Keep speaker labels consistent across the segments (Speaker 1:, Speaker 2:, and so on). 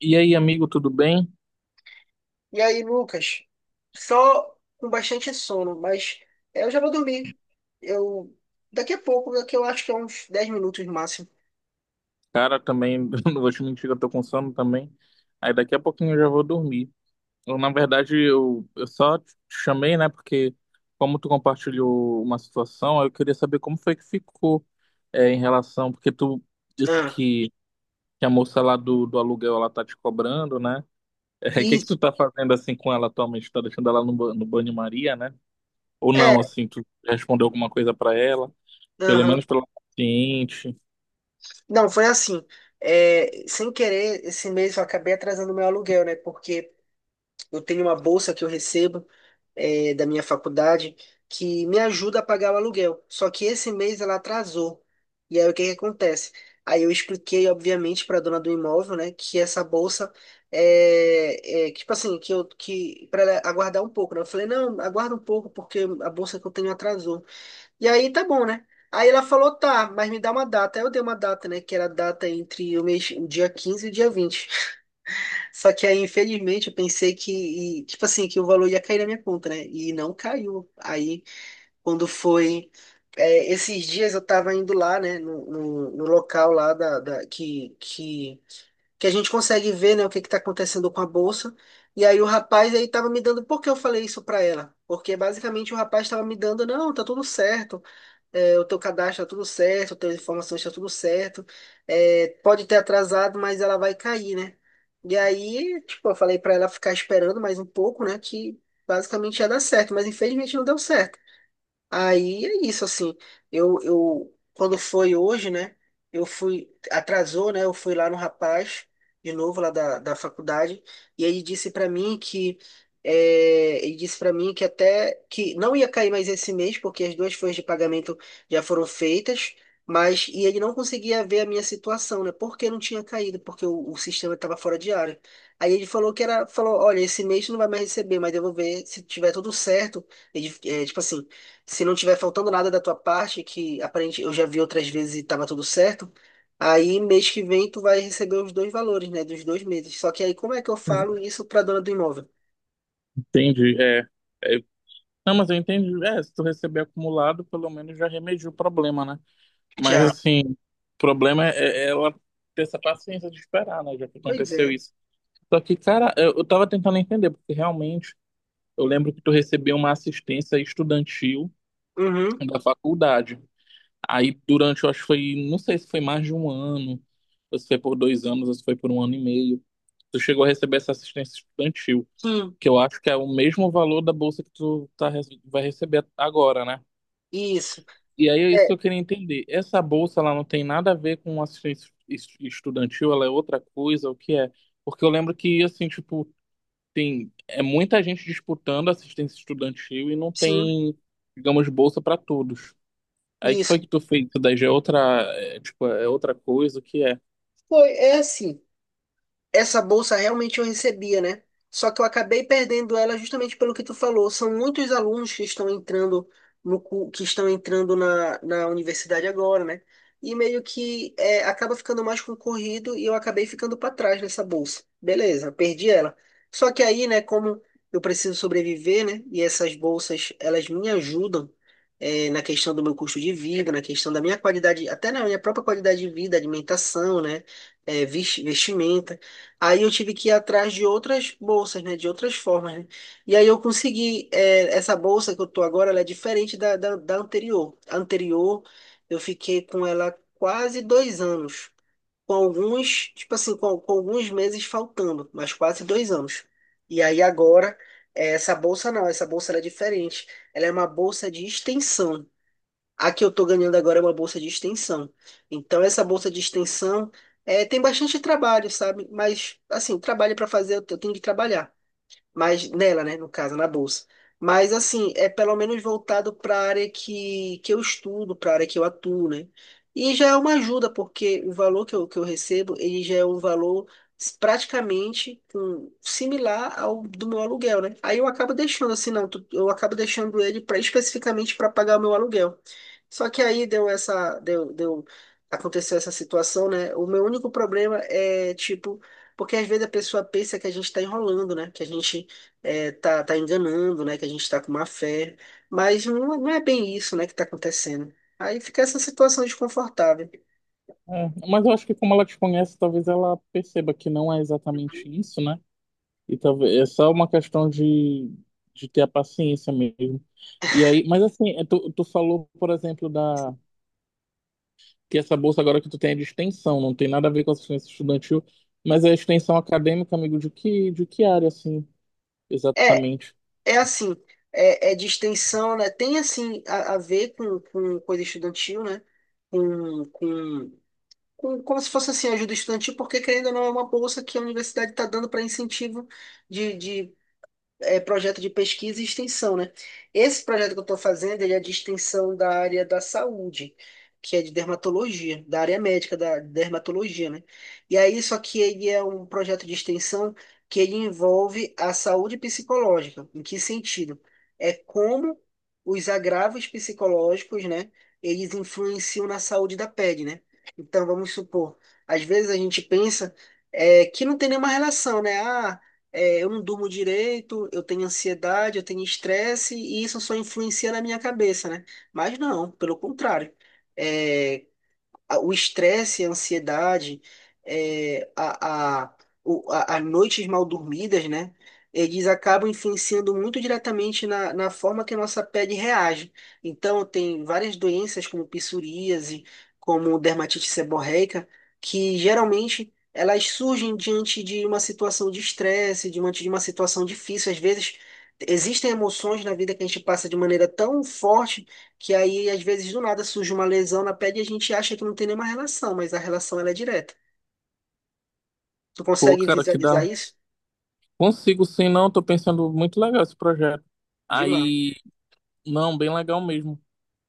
Speaker 1: E aí, amigo, tudo bem?
Speaker 2: E aí, Lucas, só com bastante sono, mas eu já vou dormir. Eu daqui a pouco, daqui eu acho que é uns 10 minutos no máximo.
Speaker 1: Cara, também, não vou te mentir, eu tô com sono também. Aí daqui a pouquinho eu já vou dormir. Eu, na verdade, eu só te chamei, né? Porque como tu compartilhou uma situação, eu queria saber como foi que ficou em relação, porque tu disse
Speaker 2: Ah,
Speaker 1: que a moça lá do aluguel, ela tá te cobrando, né? O que que
Speaker 2: isso.
Speaker 1: tu tá fazendo assim com ela atualmente? Tá deixando ela no banho-maria, né? Ou não,
Speaker 2: É,
Speaker 1: assim, tu respondeu alguma coisa pra ela? Pelo
Speaker 2: aham.
Speaker 1: menos pela paciente
Speaker 2: Não, foi assim. Sem querer, esse mês eu acabei atrasando meu aluguel, né? Porque eu tenho uma bolsa que eu recebo da minha faculdade que me ajuda a pagar o aluguel. Só que esse mês ela atrasou. E aí o que que acontece? Aí eu expliquei, obviamente, para a dona do imóvel, né, que essa bolsa é que, tipo assim, que eu que para ela aguardar um pouco, né? Eu falei, não, aguarda um pouco porque a bolsa que eu tenho atrasou. E aí tá bom, né? Aí ela falou, tá, mas me dá uma data. Aí eu dei uma data, né, que era a data entre o mês, o dia 15 e o dia 20. Só que aí, infelizmente, eu pensei que, tipo assim, que o valor ia cair na minha conta, né? E não caiu. Aí, quando foi. Esses dias eu tava indo lá, né? No local lá que a gente consegue ver, né? O que que tá acontecendo com a bolsa. E aí o rapaz aí tava me dando. Por que eu falei isso pra ela? Porque basicamente o rapaz tava me dando, não, tá tudo certo, o teu cadastro está tudo certo, as tuas informações estão tudo certo. É, pode ter atrasado, mas ela vai cair, né? E aí, tipo, eu falei para ela ficar esperando mais um pouco, né? Que basicamente ia dar certo, mas infelizmente não deu certo. Aí é isso, assim, quando foi hoje, né, eu fui, atrasou, né, eu fui lá no rapaz, de novo, lá da faculdade, e ele disse pra mim que, ele disse para mim que até, que não ia cair mais esse mês, porque as duas folhas de pagamento já foram feitas, mas, e ele não conseguia ver a minha situação, né, porque não tinha caído, porque o sistema estava fora de área. Aí ele falou que era, falou, olha, esse mês tu não vai mais receber, mas eu vou ver se tiver tudo certo, ele, é, tipo assim, se não tiver faltando nada da tua parte, que aparente eu já vi outras vezes e tava tudo certo, aí mês que vem tu vai receber os dois valores, né? Dos 2 meses. Só que aí como é que eu falo isso pra dona do imóvel?
Speaker 1: entende? É. é, Não, mas eu entendi. É, se tu receber acumulado, pelo menos já remediou o problema, né? Mas
Speaker 2: Já.
Speaker 1: assim, o problema é ela ter essa paciência de esperar, né? Já que
Speaker 2: Pois
Speaker 1: aconteceu
Speaker 2: é.
Speaker 1: isso. Só que, cara, eu tava tentando entender, porque realmente eu lembro que tu recebeu uma assistência estudantil
Speaker 2: Uhum.
Speaker 1: da faculdade. Aí durante, eu acho que foi, não sei se foi mais de um ano, ou se foi por dois anos, ou se foi por um ano e meio. Tu chegou a receber essa assistência estudantil,
Speaker 2: Sim.
Speaker 1: que eu acho que é o mesmo valor da bolsa que tu tá, vai receber agora, né?
Speaker 2: Isso.
Speaker 1: E aí é isso
Speaker 2: É,
Speaker 1: que eu queria entender. Essa bolsa, ela não tem nada a ver com assistência estudantil, ela é outra coisa, o que é? Porque eu lembro que, assim, tipo, tem é muita gente disputando assistência estudantil e não
Speaker 2: sim.
Speaker 1: tem, digamos, bolsa para todos. Aí que foi
Speaker 2: Isso.
Speaker 1: que tu fez isso daí? Já é outra, é, tipo, é outra coisa, o que é?
Speaker 2: Foi, é assim. Essa bolsa realmente eu recebia, né? Só que eu acabei perdendo ela justamente pelo que tu falou. São muitos alunos que estão entrando no cu- que estão entrando na universidade agora, né? E meio que acaba ficando mais concorrido e eu acabei ficando para trás nessa bolsa. Beleza, perdi ela. Só que aí, né, como eu preciso sobreviver, né? E essas bolsas, elas me ajudam na questão do meu custo de vida, na questão da minha qualidade, até na minha própria qualidade de vida, alimentação, né? Vestimenta. Aí eu tive que ir atrás de outras bolsas, né? De outras formas, né? E aí eu consegui, é, essa bolsa que eu tô agora, ela é diferente da anterior. A anterior, eu fiquei com ela quase 2 anos. Com alguns, tipo assim, com alguns meses faltando, mas quase 2 anos. E aí agora, essa bolsa não, essa bolsa ela é diferente. Ela é uma bolsa de extensão. A que eu estou ganhando agora é uma bolsa de extensão. Então, essa bolsa de extensão tem bastante trabalho, sabe? Mas, assim, trabalho para fazer, eu tenho que trabalhar mas nela, né, no caso, na bolsa. Mas assim, é pelo menos voltado para a área que eu estudo, para a área que eu atuo, né? E já é uma ajuda, porque o valor que eu recebo, ele já é um valor praticamente similar ao do meu aluguel, né? Aí eu acabo deixando assim, não, eu acabo deixando ele pra, especificamente para pagar o meu aluguel. Só que aí deu essa, aconteceu essa situação, né? O meu único problema é, tipo, porque às vezes a pessoa pensa que a gente está enrolando, né? Que a gente tá, tá enganando, né? Que a gente tá com má fé. Mas não, não é bem isso, né, que tá acontecendo. Aí fica essa situação desconfortável.
Speaker 1: É, mas eu acho que como ela te conhece, talvez ela perceba que não é exatamente isso, né? E talvez é só uma questão de ter a paciência mesmo. E aí, mas assim, tu falou, por exemplo, da que essa bolsa agora que tu tem é de extensão, não tem nada a ver com assistência estudantil, mas é extensão acadêmica, amigo, de que área, assim,
Speaker 2: É,
Speaker 1: exatamente?
Speaker 2: é assim, é de extensão, né? Tem assim a ver com coisa estudantil, né? Com, com, com como se fosse assim ajuda estudantil, porque querendo ou não é uma bolsa que a universidade está dando para incentivo de projeto de pesquisa e extensão, né? Esse projeto que eu estou fazendo, ele é de extensão da área da saúde, que é de dermatologia, da área médica da dermatologia, né? E aí, só que ele é um projeto de extensão que ele envolve a saúde psicológica. Em que sentido? É como os agravos psicológicos, né? Eles influenciam na saúde da pele, né? Então, vamos supor, às vezes a gente pensa que não tem nenhuma relação, né? Ah, eu não durmo direito, eu tenho ansiedade, eu tenho estresse, e isso só influencia na minha cabeça, né? Mas não, pelo contrário. É, o estresse, a ansiedade, é, a, a, as noites mal dormidas, né? Eles acabam influenciando muito diretamente na forma que a nossa pele reage. Então, tem várias doenças como psoríase, como dermatite seborreica, que geralmente elas surgem diante de uma situação de estresse, diante de uma situação difícil. Às vezes, existem emoções na vida que a gente passa de maneira tão forte que aí às vezes do nada surge uma lesão na pele e a gente acha que não tem nenhuma relação, mas a relação ela é direta. Tu
Speaker 1: Pô,
Speaker 2: consegue
Speaker 1: cara, que dá.
Speaker 2: visualizar isso?
Speaker 1: Consigo sim, não, tô pensando muito legal esse projeto.
Speaker 2: Demais.
Speaker 1: Aí, não, bem legal mesmo.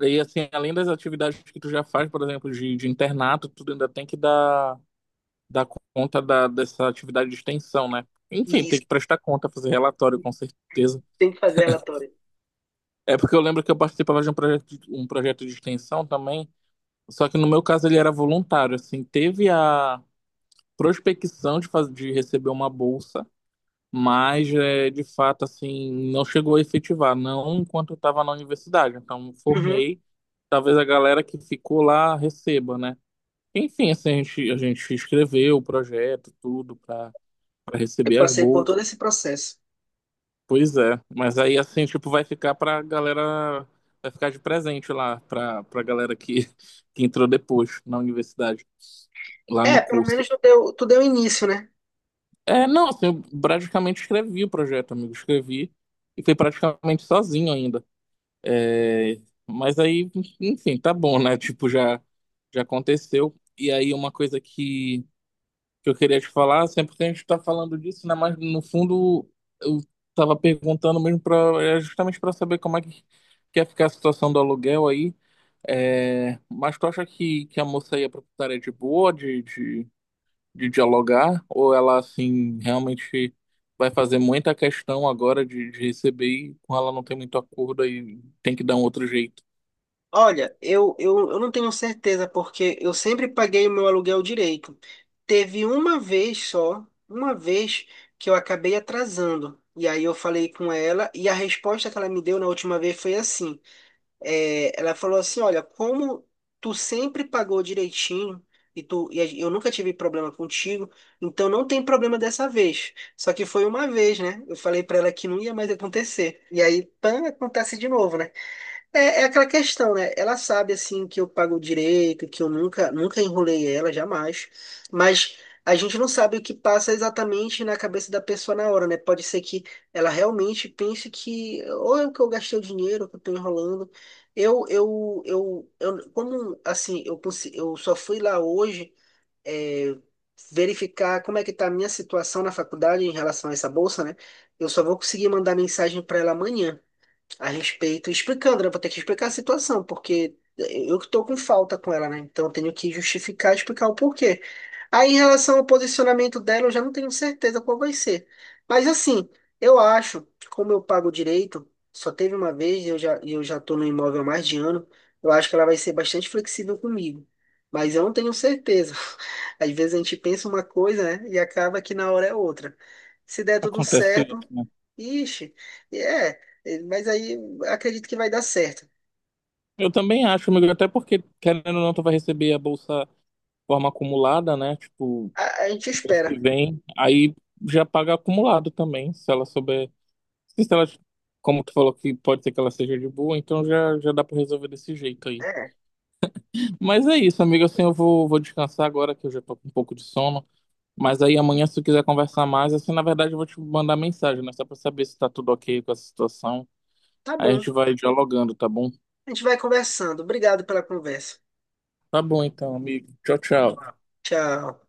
Speaker 1: E assim, além das atividades que tu já faz, por exemplo, de internato, tu ainda tem que dar conta dessa atividade de extensão, né?
Speaker 2: E
Speaker 1: Enfim, tem
Speaker 2: isso
Speaker 1: que prestar conta, fazer relatório, com certeza.
Speaker 2: tem que fazer relatório.
Speaker 1: É porque eu lembro que eu participava de um um projeto de extensão também, só que no meu caso ele era voluntário, assim, teve a prospecção de, de receber uma bolsa, mas é, de fato, assim, não chegou a efetivar, não enquanto eu estava na universidade. Então, me
Speaker 2: Uhum.
Speaker 1: formei, talvez a galera que ficou lá receba, né? Enfim, assim, a gente escreveu o projeto, tudo, para
Speaker 2: Eu
Speaker 1: receber as
Speaker 2: passei por
Speaker 1: bolsas.
Speaker 2: todo esse processo.
Speaker 1: Pois é, mas aí assim, tipo, vai ficar pra galera, vai ficar de presente lá, pra galera que, que entrou depois na universidade, lá no
Speaker 2: É, pelo
Speaker 1: curso.
Speaker 2: menos tu deu início, né?
Speaker 1: É, não, assim, eu praticamente escrevi o projeto, amigo, escrevi e fui praticamente sozinho ainda. É, mas aí, enfim, tá bom, né? Tipo, já, já aconteceu. E aí uma coisa que eu queria te falar, sempre que a gente tá falando disso, né? Mas no fundo eu tava perguntando mesmo para é justamente para saber como é que quer ficar a situação do aluguel aí. É, mas tu acha que a moça aí, a proprietária é de boa de dialogar? Ou ela assim realmente vai fazer muita questão agora de receber e com ela não tem muito acordo aí tem que dar um outro jeito?
Speaker 2: Olha, eu não tenho certeza, porque eu sempre paguei o meu aluguel direito. Teve uma vez só, uma vez, que eu acabei atrasando. E aí eu falei com ela, e a resposta que ela me deu na última vez foi assim. Ela falou assim, olha, como tu sempre pagou direitinho e tu e eu nunca tive problema contigo, então não tem problema dessa vez. Só que foi uma vez, né? Eu falei pra ela que não ia mais acontecer. E aí, pã, acontece de novo, né? É, é aquela questão, né? Ela sabe, assim, que eu pago direito, que eu nunca, nunca enrolei ela, jamais. Mas a gente não sabe o que passa exatamente na cabeça da pessoa na hora, né? Pode ser que ela realmente pense que ou é que eu gastei o dinheiro, ou que eu tô enrolando. Eu como, assim, eu só fui lá hoje, é, verificar como é que tá a minha situação na faculdade em relação a essa bolsa, né? Eu só vou conseguir mandar mensagem para ela amanhã a respeito, explicando, né? Vou ter que explicar a situação, porque eu que tô com falta com ela, né? Então eu tenho que justificar, explicar o porquê. Aí, em relação ao posicionamento dela, eu já não tenho certeza qual vai ser. Mas assim, eu acho, como eu pago direito, só teve uma vez e eu já tô no imóvel há mais de ano, eu acho que ela vai ser bastante flexível comigo. Mas eu não tenho certeza. Às vezes a gente pensa uma coisa, né? E acaba que na hora é outra. Se der tudo
Speaker 1: Acontece
Speaker 2: certo.
Speaker 1: outro, né?
Speaker 2: Ixi, é, mas aí acredito que vai dar certo.
Speaker 1: Eu também acho, amigo, até porque, querendo ou não, tu vai receber a bolsa de forma acumulada, né? Tipo,
Speaker 2: A gente
Speaker 1: mês
Speaker 2: espera.
Speaker 1: que vem, aí já paga acumulado também, se ela souber. Se ela, como tu falou que pode ser que ela seja de boa, então já, já dá pra resolver desse jeito aí.
Speaker 2: É,
Speaker 1: Mas é isso, amigo, assim, eu vou, vou descansar agora que eu já tô com um pouco de sono. Mas aí amanhã, se tu quiser conversar mais, assim, na verdade eu vou te mandar mensagem, né? Só pra saber se tá tudo ok com essa situação.
Speaker 2: tá
Speaker 1: Aí a
Speaker 2: bom.
Speaker 1: gente vai dialogando, tá bom?
Speaker 2: A gente vai conversando. Obrigado pela conversa.
Speaker 1: Tá bom então, amigo. Tchau, tchau.
Speaker 2: Tchau.